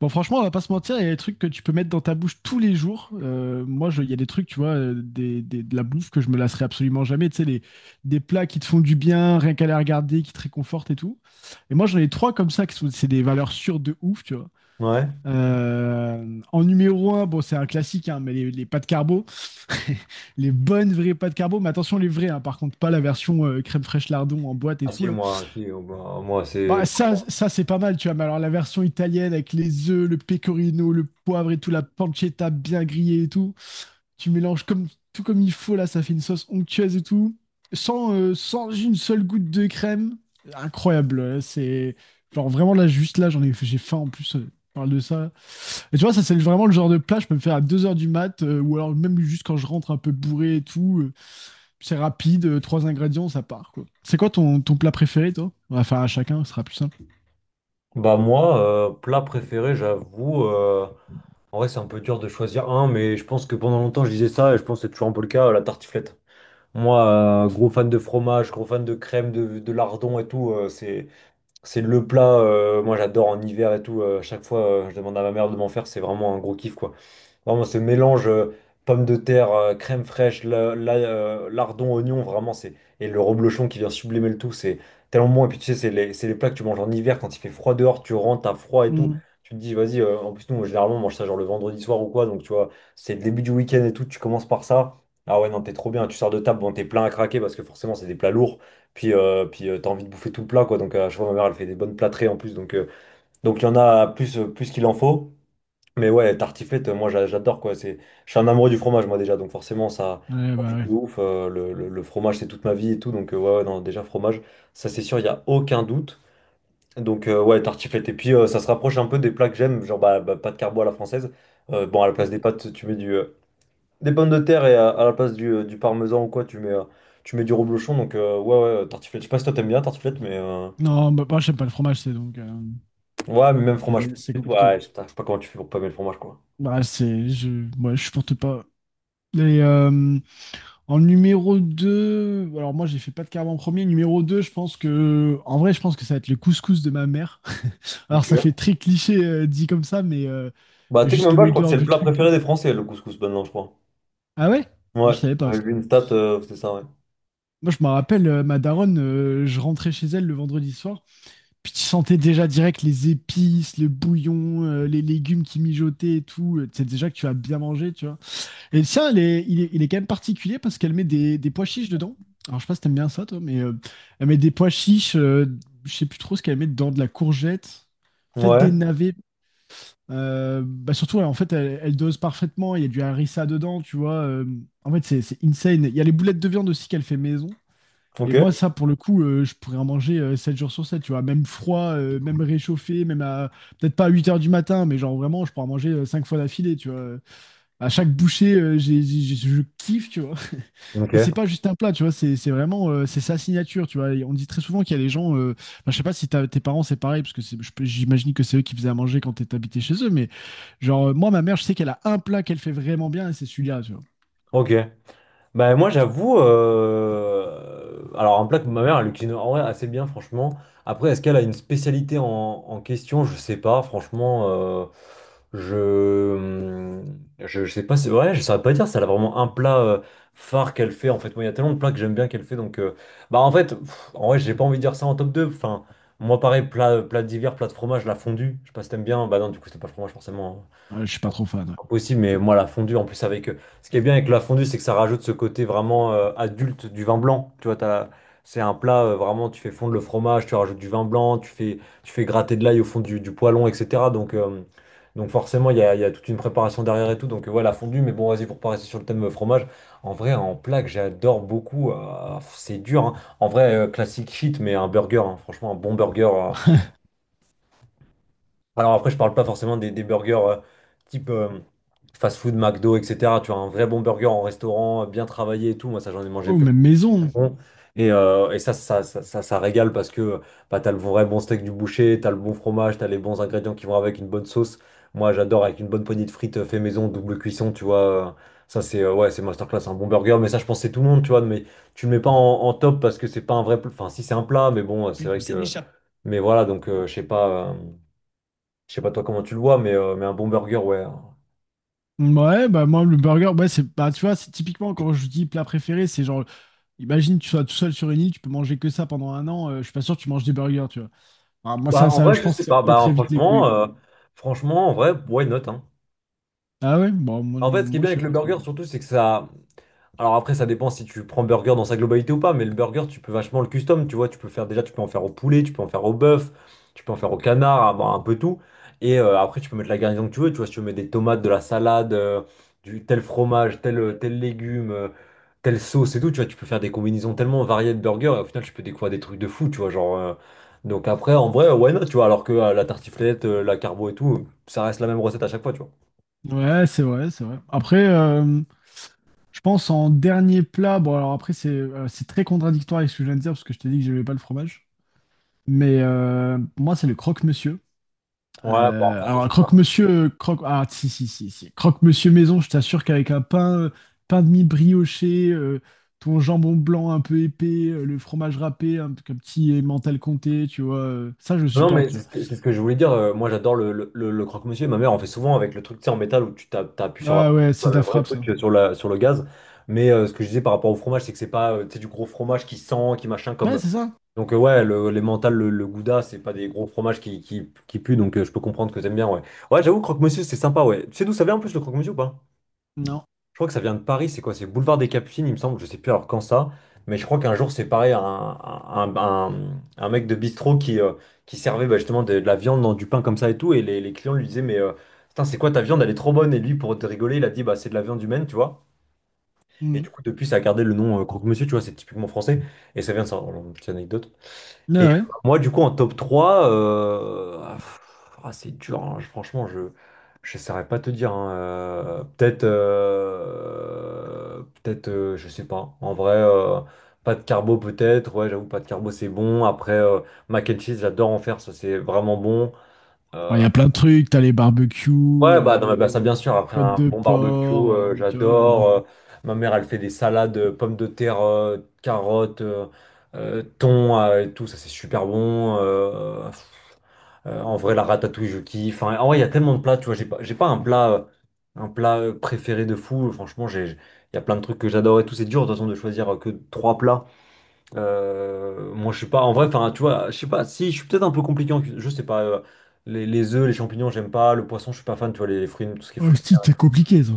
Bon, franchement, on va pas se mentir, il y a des trucs que tu peux mettre dans ta bouche tous les jours. Moi, il y a des trucs, tu vois, de la bouffe que je me lasserai absolument jamais. Tu sais, des plats qui te font du bien, rien qu'à les regarder, qui te réconfortent et tout. Et moi, j'en ai trois comme ça, qui sont, c'est des valeurs sûres de ouf, tu vois. Ouais. En numéro un, bon, c'est un classique, hein, mais les pâtes carbo, les bonnes vraies pâtes carbo. Mais attention, les vraies, hein, par contre, pas la version crème fraîche lardon en boîte et Ah tout, si, là. moi, si, moi, c'est... Bah, ça c'est pas mal, tu vois. Mais alors, la version italienne avec les œufs, le pecorino, le poivre et tout, la pancetta bien grillée et tout, tu mélanges comme, tout comme il faut, là, ça fait une sauce onctueuse et tout, sans une seule goutte de crème. Incroyable, c'est genre vraiment là, juste là, j'ai faim en plus, je parle de ça. Et tu vois, ça, c'est vraiment le genre de plat, je peux me faire à 2 heures du mat, ou alors même juste quand je rentre un peu bourré et tout. C'est rapide, 3 ingrédients, ça part, quoi. C'est quoi ton plat préféré, toi? On va faire à chacun, ce sera plus simple. Bah moi, plat préféré, en vrai c'est un peu dur de choisir un, mais je pense que pendant longtemps je disais ça, et je pense que c'est toujours un peu le cas, la tartiflette. Moi, gros fan de fromage, gros fan de crème, de lardon et tout, c'est le plat, moi j'adore en hiver et tout, à chaque fois je demande à ma mère de m'en faire, c'est vraiment un gros kiff quoi. Vraiment, ce mélange pommes de terre, crème fraîche, lardon, oignon, vraiment, c'est. Et le reblochon qui vient sublimer le tout, c'est tellement bon. Et puis tu sais, c'est les plats que tu manges en hiver quand il fait froid dehors, tu rentres, t'as froid et tout. Mm. Tu te dis, vas-y, en plus, nous, généralement, on mange ça genre le vendredi soir ou quoi. Donc tu vois, c'est le début du week-end et tout, tu commences par ça. Ah ouais, non, t'es trop bien. Tu sors de table, bon, t'es plein à craquer parce que forcément, c'est des plats lourds. Puis t'as envie de bouffer tout le plat, quoi. Donc à chaque fois, ma mère, elle fait des bonnes plâtrées en plus. Donc il y en a plus, plus qu'il en faut. Mais ouais, tartiflette, moi j'adore quoi. C'est, je suis un amoureux du fromage moi déjà, donc forcément ça, Ouais, bah ouais. de ouf. Le fromage c'est toute ma vie et tout, ouais, ouais, non, déjà fromage, ça c'est sûr, il y a aucun doute. Ouais, tartiflette. Et puis ça se rapproche un peu des plats que j'aime, genre pâte carbo à la française. Bon, à la place des Mm. pâtes, des pommes de terre et à la place du parmesan ou quoi, tu mets du reblochon. Ouais, ouais, tartiflette. Je sais pas si toi t'aimes bien tartiflette, Non, bah, moi, j'aime pas le fromage, c'est donc... euh, ouais, mais même fromage. c'est c'est Frit, compliqué. ouais, je sais pas comment tu fais pour pas aimer le fromage quoi. Bah, ouais, je supporte pas. Et, euh, En numéro deux. Alors, moi, j'ai fait pas de carbe en premier. Numéro deux, je pense que... En vrai, je pense que ça va être le couscous de ma mère. Alors, ça fait Ok. très cliché dit comme ça, Bah, mais tu sais que juste même pas, je crois que l'odeur c'est le du plat truc. préféré des Français, le couscous, maintenant, je crois. Ah ouais? Moi, Ouais, je savais pas. j'avais vu une stat, c'était ça, ouais. Moi, je me rappelle, ma daronne, je rentrais chez elle le vendredi soir, puis tu sentais déjà direct les épices, le bouillon, les légumes qui mijotaient et tout. Tu sais déjà que tu as bien mangé, tu vois. Et tiens, sien, il est quand même particulier parce qu'elle met des pois chiches dedans. Alors, je sais pas si t'aimes bien ça, toi, elle met des pois chiches, je sais plus trop ce qu'elle met dedans, de la courgette, peut-être des Ouais, navets. Bah surtout, elle dose parfaitement. Il y a du harissa dedans, tu vois. C'est insane. Il y a les boulettes de viande aussi qu'elle fait maison. Et ok. moi, ça, pour le coup, je pourrais en manger 7 jours sur 7, tu vois. Même froid, même réchauffé, même à... Peut-être pas à 8 heures du matin, mais genre vraiment, je pourrais en manger 5 fois d'affilée, tu vois. À chaque bouchée, je kiffe, tu vois. Et Ok. c'est pas juste un plat, tu vois. C'est vraiment... C'est sa signature, tu vois. Et on dit très souvent qu'il y a des gens... Je sais pas si tes parents, c'est pareil, parce que j'imagine que c'est eux qui faisaient à manger quand t'habitais chez eux, mais genre, moi, ma mère, je sais qu'elle a un plat qu'elle fait vraiment bien, et c'est celui-là, tu vois. Ok. Bah moi j'avoue, alors un plat que ma mère elle cuisine en vrai assez bien franchement. Après est-ce qu'elle a une spécialité en question? Je sais pas franchement. Je, hmm, Je sais pas c'est vrai, je saurais pas dire si elle a vraiment un plat phare qu'elle fait en fait. Moi il y a tellement de plats que j'aime bien qu'elle fait donc en vrai j'ai pas envie de dire ça en top 2. Enfin moi pareil plat d'hiver, plat de fromage, la fondue. Je sais pas si t'aimes bien. Bah non du coup c'était pas le fromage forcément, hein. Ouais, je suis pas trop fan, ouais. Impossible, mais moi la fondue en plus avec ce qui est bien avec la fondue, c'est que ça rajoute ce côté vraiment adulte du vin blanc. Tu vois, t'as- c'est un plat vraiment, tu fais fondre le fromage, tu rajoutes du vin blanc, tu fais gratter de l'ail au fond du poêlon, etc. Donc forcément, il y a toute une préparation derrière et tout. Donc voilà, fondue, mais bon, vas-y, pour pas rester sur le thème fromage, en vrai, en plat que j'adore beaucoup, c'est dur, hein. En vrai, classique shit, mais un burger, hein. Franchement, un bon burger. Alors après, je parle pas forcément des burgers type fast-food, McDo, etc. Tu vois, un vrai bon burger en restaurant, bien travaillé et tout. Moi, ça, j'en ai mangé Oh, plein. même maison. C'est bon. Et ça régale parce que bah, t'as le vrai bon steak du boucher, t'as le bon fromage, t'as les bons ingrédients qui vont avec une bonne sauce. Moi, j'adore avec une bonne poignée de frites fait maison, double cuisson, tu vois. Ça, c'est ouais, c'est masterclass, un bon burger. Mais ça, je pense que c'est tout le monde, tu vois. Mais tu le mets pas en top parce que c'est pas un vrai plat. Enfin, si, c'est un plat, mais bon, c'est vrai. C'est que méchant. Mais voilà, je sais pas. Je sais pas toi comment tu le vois, mais un bon burger, ouais. Ouais, bah moi le burger, ouais, c'est bah tu vois, c'est typiquement quand je dis plat préféré, c'est genre imagine tu sois tout seul sur une île, tu peux manger que ça pendant 1 an, je suis pas sûr que tu manges des burgers, tu vois. Ah, moi Bah, mm, en ça vrai, je je pense que sais ça me pas. pète très vite les couilles quoi. Franchement, en vrai, why not, hein. Ah ouais, bon En fait, ce qui est moi, bien je sais avec le pas trop. burger, surtout, c'est que ça. Alors après, ça dépend si tu prends burger dans sa globalité ou pas, mais le burger, tu peux vachement le custom, tu vois, tu peux faire déjà, tu peux en faire au poulet, tu peux en faire au bœuf, tu peux en faire au canard, à- un peu tout. Et après, tu peux mettre la garnison que tu veux, tu vois, si tu veux mettre des tomates, de la salade, du tel fromage, tel légume, telle sauce et tout, tu vois, tu peux faire des combinaisons tellement variées de burgers, et au final, tu peux découvrir des trucs de fou, tu vois, genre... donc après, en vrai, why not, tu vois, alors que la tartiflette, la carbo et tout, ça reste la même recette à chaque fois, tu vois. Ouais, c'est vrai, c'est vrai. Après Je pense en dernier plat, bon alors après c'est très contradictoire avec ce que je viens de dire parce que je t'ai dit que j'aimais pas le fromage, pour moi c'est le croque-monsieur. Ouais, bon, après, ça c'est pas. Ah, si, si, si, si. Croque-monsieur maison, je t'assure qu'avec un pain, pain de mie brioché, ton jambon blanc un peu épais, le fromage râpé, un petit emmental comté, tu vois, ça je Non, mais supporte, tu vois. C'est ce que je voulais dire. Moi, j'adore le croque-monsieur. Ma mère en fait souvent avec le truc, tu sais, en métal où tu tapes, t'appuies sur la, Ah ouais, c'est de le la vrai frappe, ça. truc sur la, sur le gaz. Mais ce que je disais par rapport au fromage, c'est que c'est pas tu sais, du gros fromage qui sent, qui machin Ouais, comme. c'est ça? Ouais, les mentales, le gouda, c'est pas des gros fromages qui puent. Je peux comprendre que t'aimes bien, ouais. Ouais, j'avoue, croque-monsieur, c'est sympa, ouais. Tu sais d'où ça vient en plus le croque-monsieur ou pas? Non. Je crois que ça vient de Paris, c'est quoi? C'est Boulevard des Capucines, il me semble, je sais plus alors quand ça, mais je crois qu'un jour c'est pareil, un mec de bistrot qui servait bah, justement de la viande dans du pain comme ça et tout, et les clients lui disaient, putain, c'est quoi ta viande, elle est trop bonne, et lui, pour te rigoler, il a dit, bah c'est de la viande humaine, tu vois. Et Mm. du coup, depuis, ça a gardé le nom Croque-Monsieur, tu vois, c'est typiquement français, et ça vient de ça. Alors, petite anecdote. Ouais, Et ouais. Moi, du coup, en top 3 c'est dur, hein. Je- Franchement, je ne saurais pas te dire, hein. Peut-être, je sais pas. En vrai, pas de carbo peut-être. Ouais, j'avoue, pas de carbo, c'est bon. Après, mac and cheese, j'adore en faire, ça c'est vraiment bon. Alors, il y Euh, a plein de trucs, t'as les barbecues, ouais, bah, non, mais, bah, ça bien sûr. Après côte un de bon barbecue, porc, tu vois. J'adore. Ma mère, elle fait des salades, pommes de terre, carottes. Thon et tout, ça c'est super bon. En vrai, la ratatouille, je kiffe. Enfin, en vrai, il y a tellement de plats, tu vois. J'ai pas un plat, un plat préféré de fou. Franchement, il y a plein de trucs que j'adore et tout. C'est dur, de toute façon, de choisir que trois plats. Moi, je suis pas, en vrai, enfin, tu vois, je sais pas. Si, je suis peut-être un peu compliqué en cuisine. Je sais pas. Les œufs, les champignons, j'aime pas. Le poisson, je suis pas fan. Tu vois, les, fruits, tout ce qui est Oh, fruits. si, c'est compliqué, ça.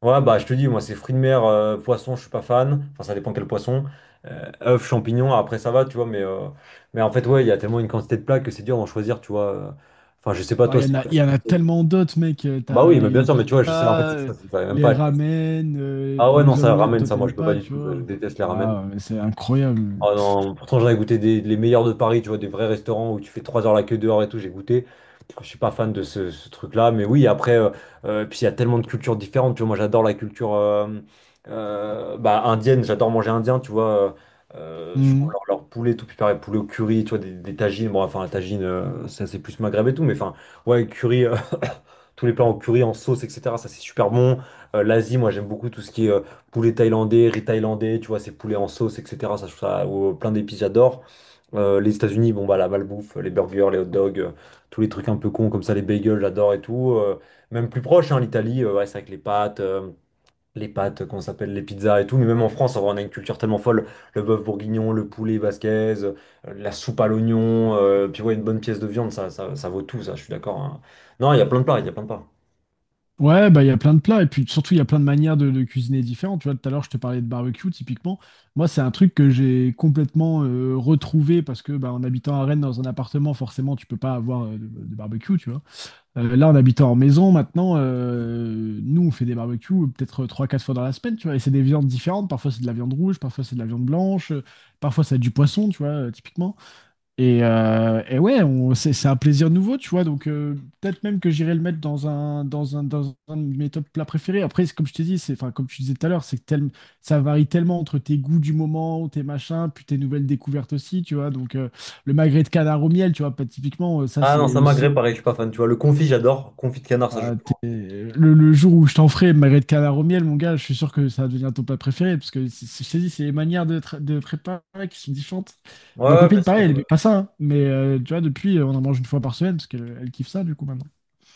Ouais, bah je te dis, moi c'est fruits de mer, poisson, je suis pas fan. Enfin, ça dépend quel poisson. Œufs, champignons, après ça va, tu vois. Mais en fait, ouais, il y a tellement une quantité de plats que c'est dur d'en choisir, tu vois. Enfin, je sais pas, Bah, toi, c'est quoi il y en a tes- tellement d'autres, mec. Bah T'as oui, mais bien les sûr, mais tu vois, je sais, en fait, pizzas, c'est que ça va même les pas être- ramen, Ah bon, ouais, non, les ça omelettes, ramène, toi, ça, moi, t'aimes je peux pas pas, du tu tout. Je vois. déteste les ramen. Ah, ouais, c'est incroyable. Oh non, pourtant j'en ai goûté des, les meilleurs de Paris, tu vois, des vrais restaurants où tu fais 3 heures la queue dehors et tout, j'ai goûté. Je suis pas fan de ce truc-là, mais oui, après, puis il y a tellement de cultures différentes, tu vois, moi j'adore la culture indienne, j'adore manger indien, tu vois, je trouve Mhm. Leur poulet tout préparé, poulet au curry, tu vois, des tagines, bon, enfin la tagine, ça c'est plus maghreb et tout, mais enfin, ouais, curry, tous les plats en curry, en sauce, etc. Ça, c'est super bon. L'Asie, moi, j'aime beaucoup tout ce qui est poulet thaïlandais, riz thaïlandais, tu vois, c'est poulet en sauce, etc. Ça, je trouve ça, ou, plein d'épices, j'adore. Les États-Unis, bon, bah, la malbouffe, les burgers, les hot dogs, tous les trucs un peu cons comme ça, les bagels, j'adore et tout. Même plus proche, hein, l'Italie, ouais, c'est avec les pâtes. Les pâtes, comment ça s'appelle, les pizzas et tout, mais même en France, en vrai, on a une culture tellement folle. Le bœuf bourguignon, le poulet basquez, euh, la soupe à l'oignon, puis ouais, une bonne pièce de viande, ça vaut tout, ça, je suis d'accord, hein. Non, il y a plein de plats, il y a plein de plats. Ouais, bah, il y a plein de plats. Et puis, surtout, il y a plein de manières de cuisiner différentes. Tu vois, tout à l'heure, je te parlais de barbecue, typiquement. Moi, c'est un truc que j'ai complètement retrouvé parce que, bah, en habitant à Rennes, dans un appartement, forcément, tu peux pas avoir de barbecue, tu vois. Là, en habitant en maison, maintenant, nous, on fait des barbecues peut-être trois, quatre fois dans la semaine, tu vois, et c'est des viandes différentes. Parfois, c'est de la viande rouge, parfois, c'est de la viande blanche, parfois, c'est du poisson, tu vois, typiquement. Et ouais, c'est un plaisir nouveau, tu vois, donc peut-être même que j'irai le mettre dans dans un de mes top plats préférés. Après, c'est comme je t'ai dit, comme tu disais tout à l'heure, c'est que ça varie tellement entre tes goûts du moment, tes machins, puis tes nouvelles découvertes aussi, tu vois, donc le magret de canard au miel, tu vois, pas typiquement, ça, Ah non, c'est ça aussi magret, pareil, je suis pas fan. Tu vois, le confit, j'adore. Confit de canard, ça je. Le jour où je t'en ferai magret de canard au miel, mon gars, je suis sûr que ça va devenir ton plat préféré, parce que je t'ai dit, c'est les manières de, de préparer qui sont différentes. Ouais, Ma ouais, bien copine, sûr, pareil, elle mais- aimait pas ça, hein, tu vois, depuis, on en mange 1 fois par semaine, parce qu'elle kiffe ça, du coup, maintenant.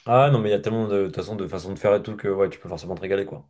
ah non, mais il y a tellement de toute façon de faire et tout que ouais, tu peux forcément te régaler, quoi.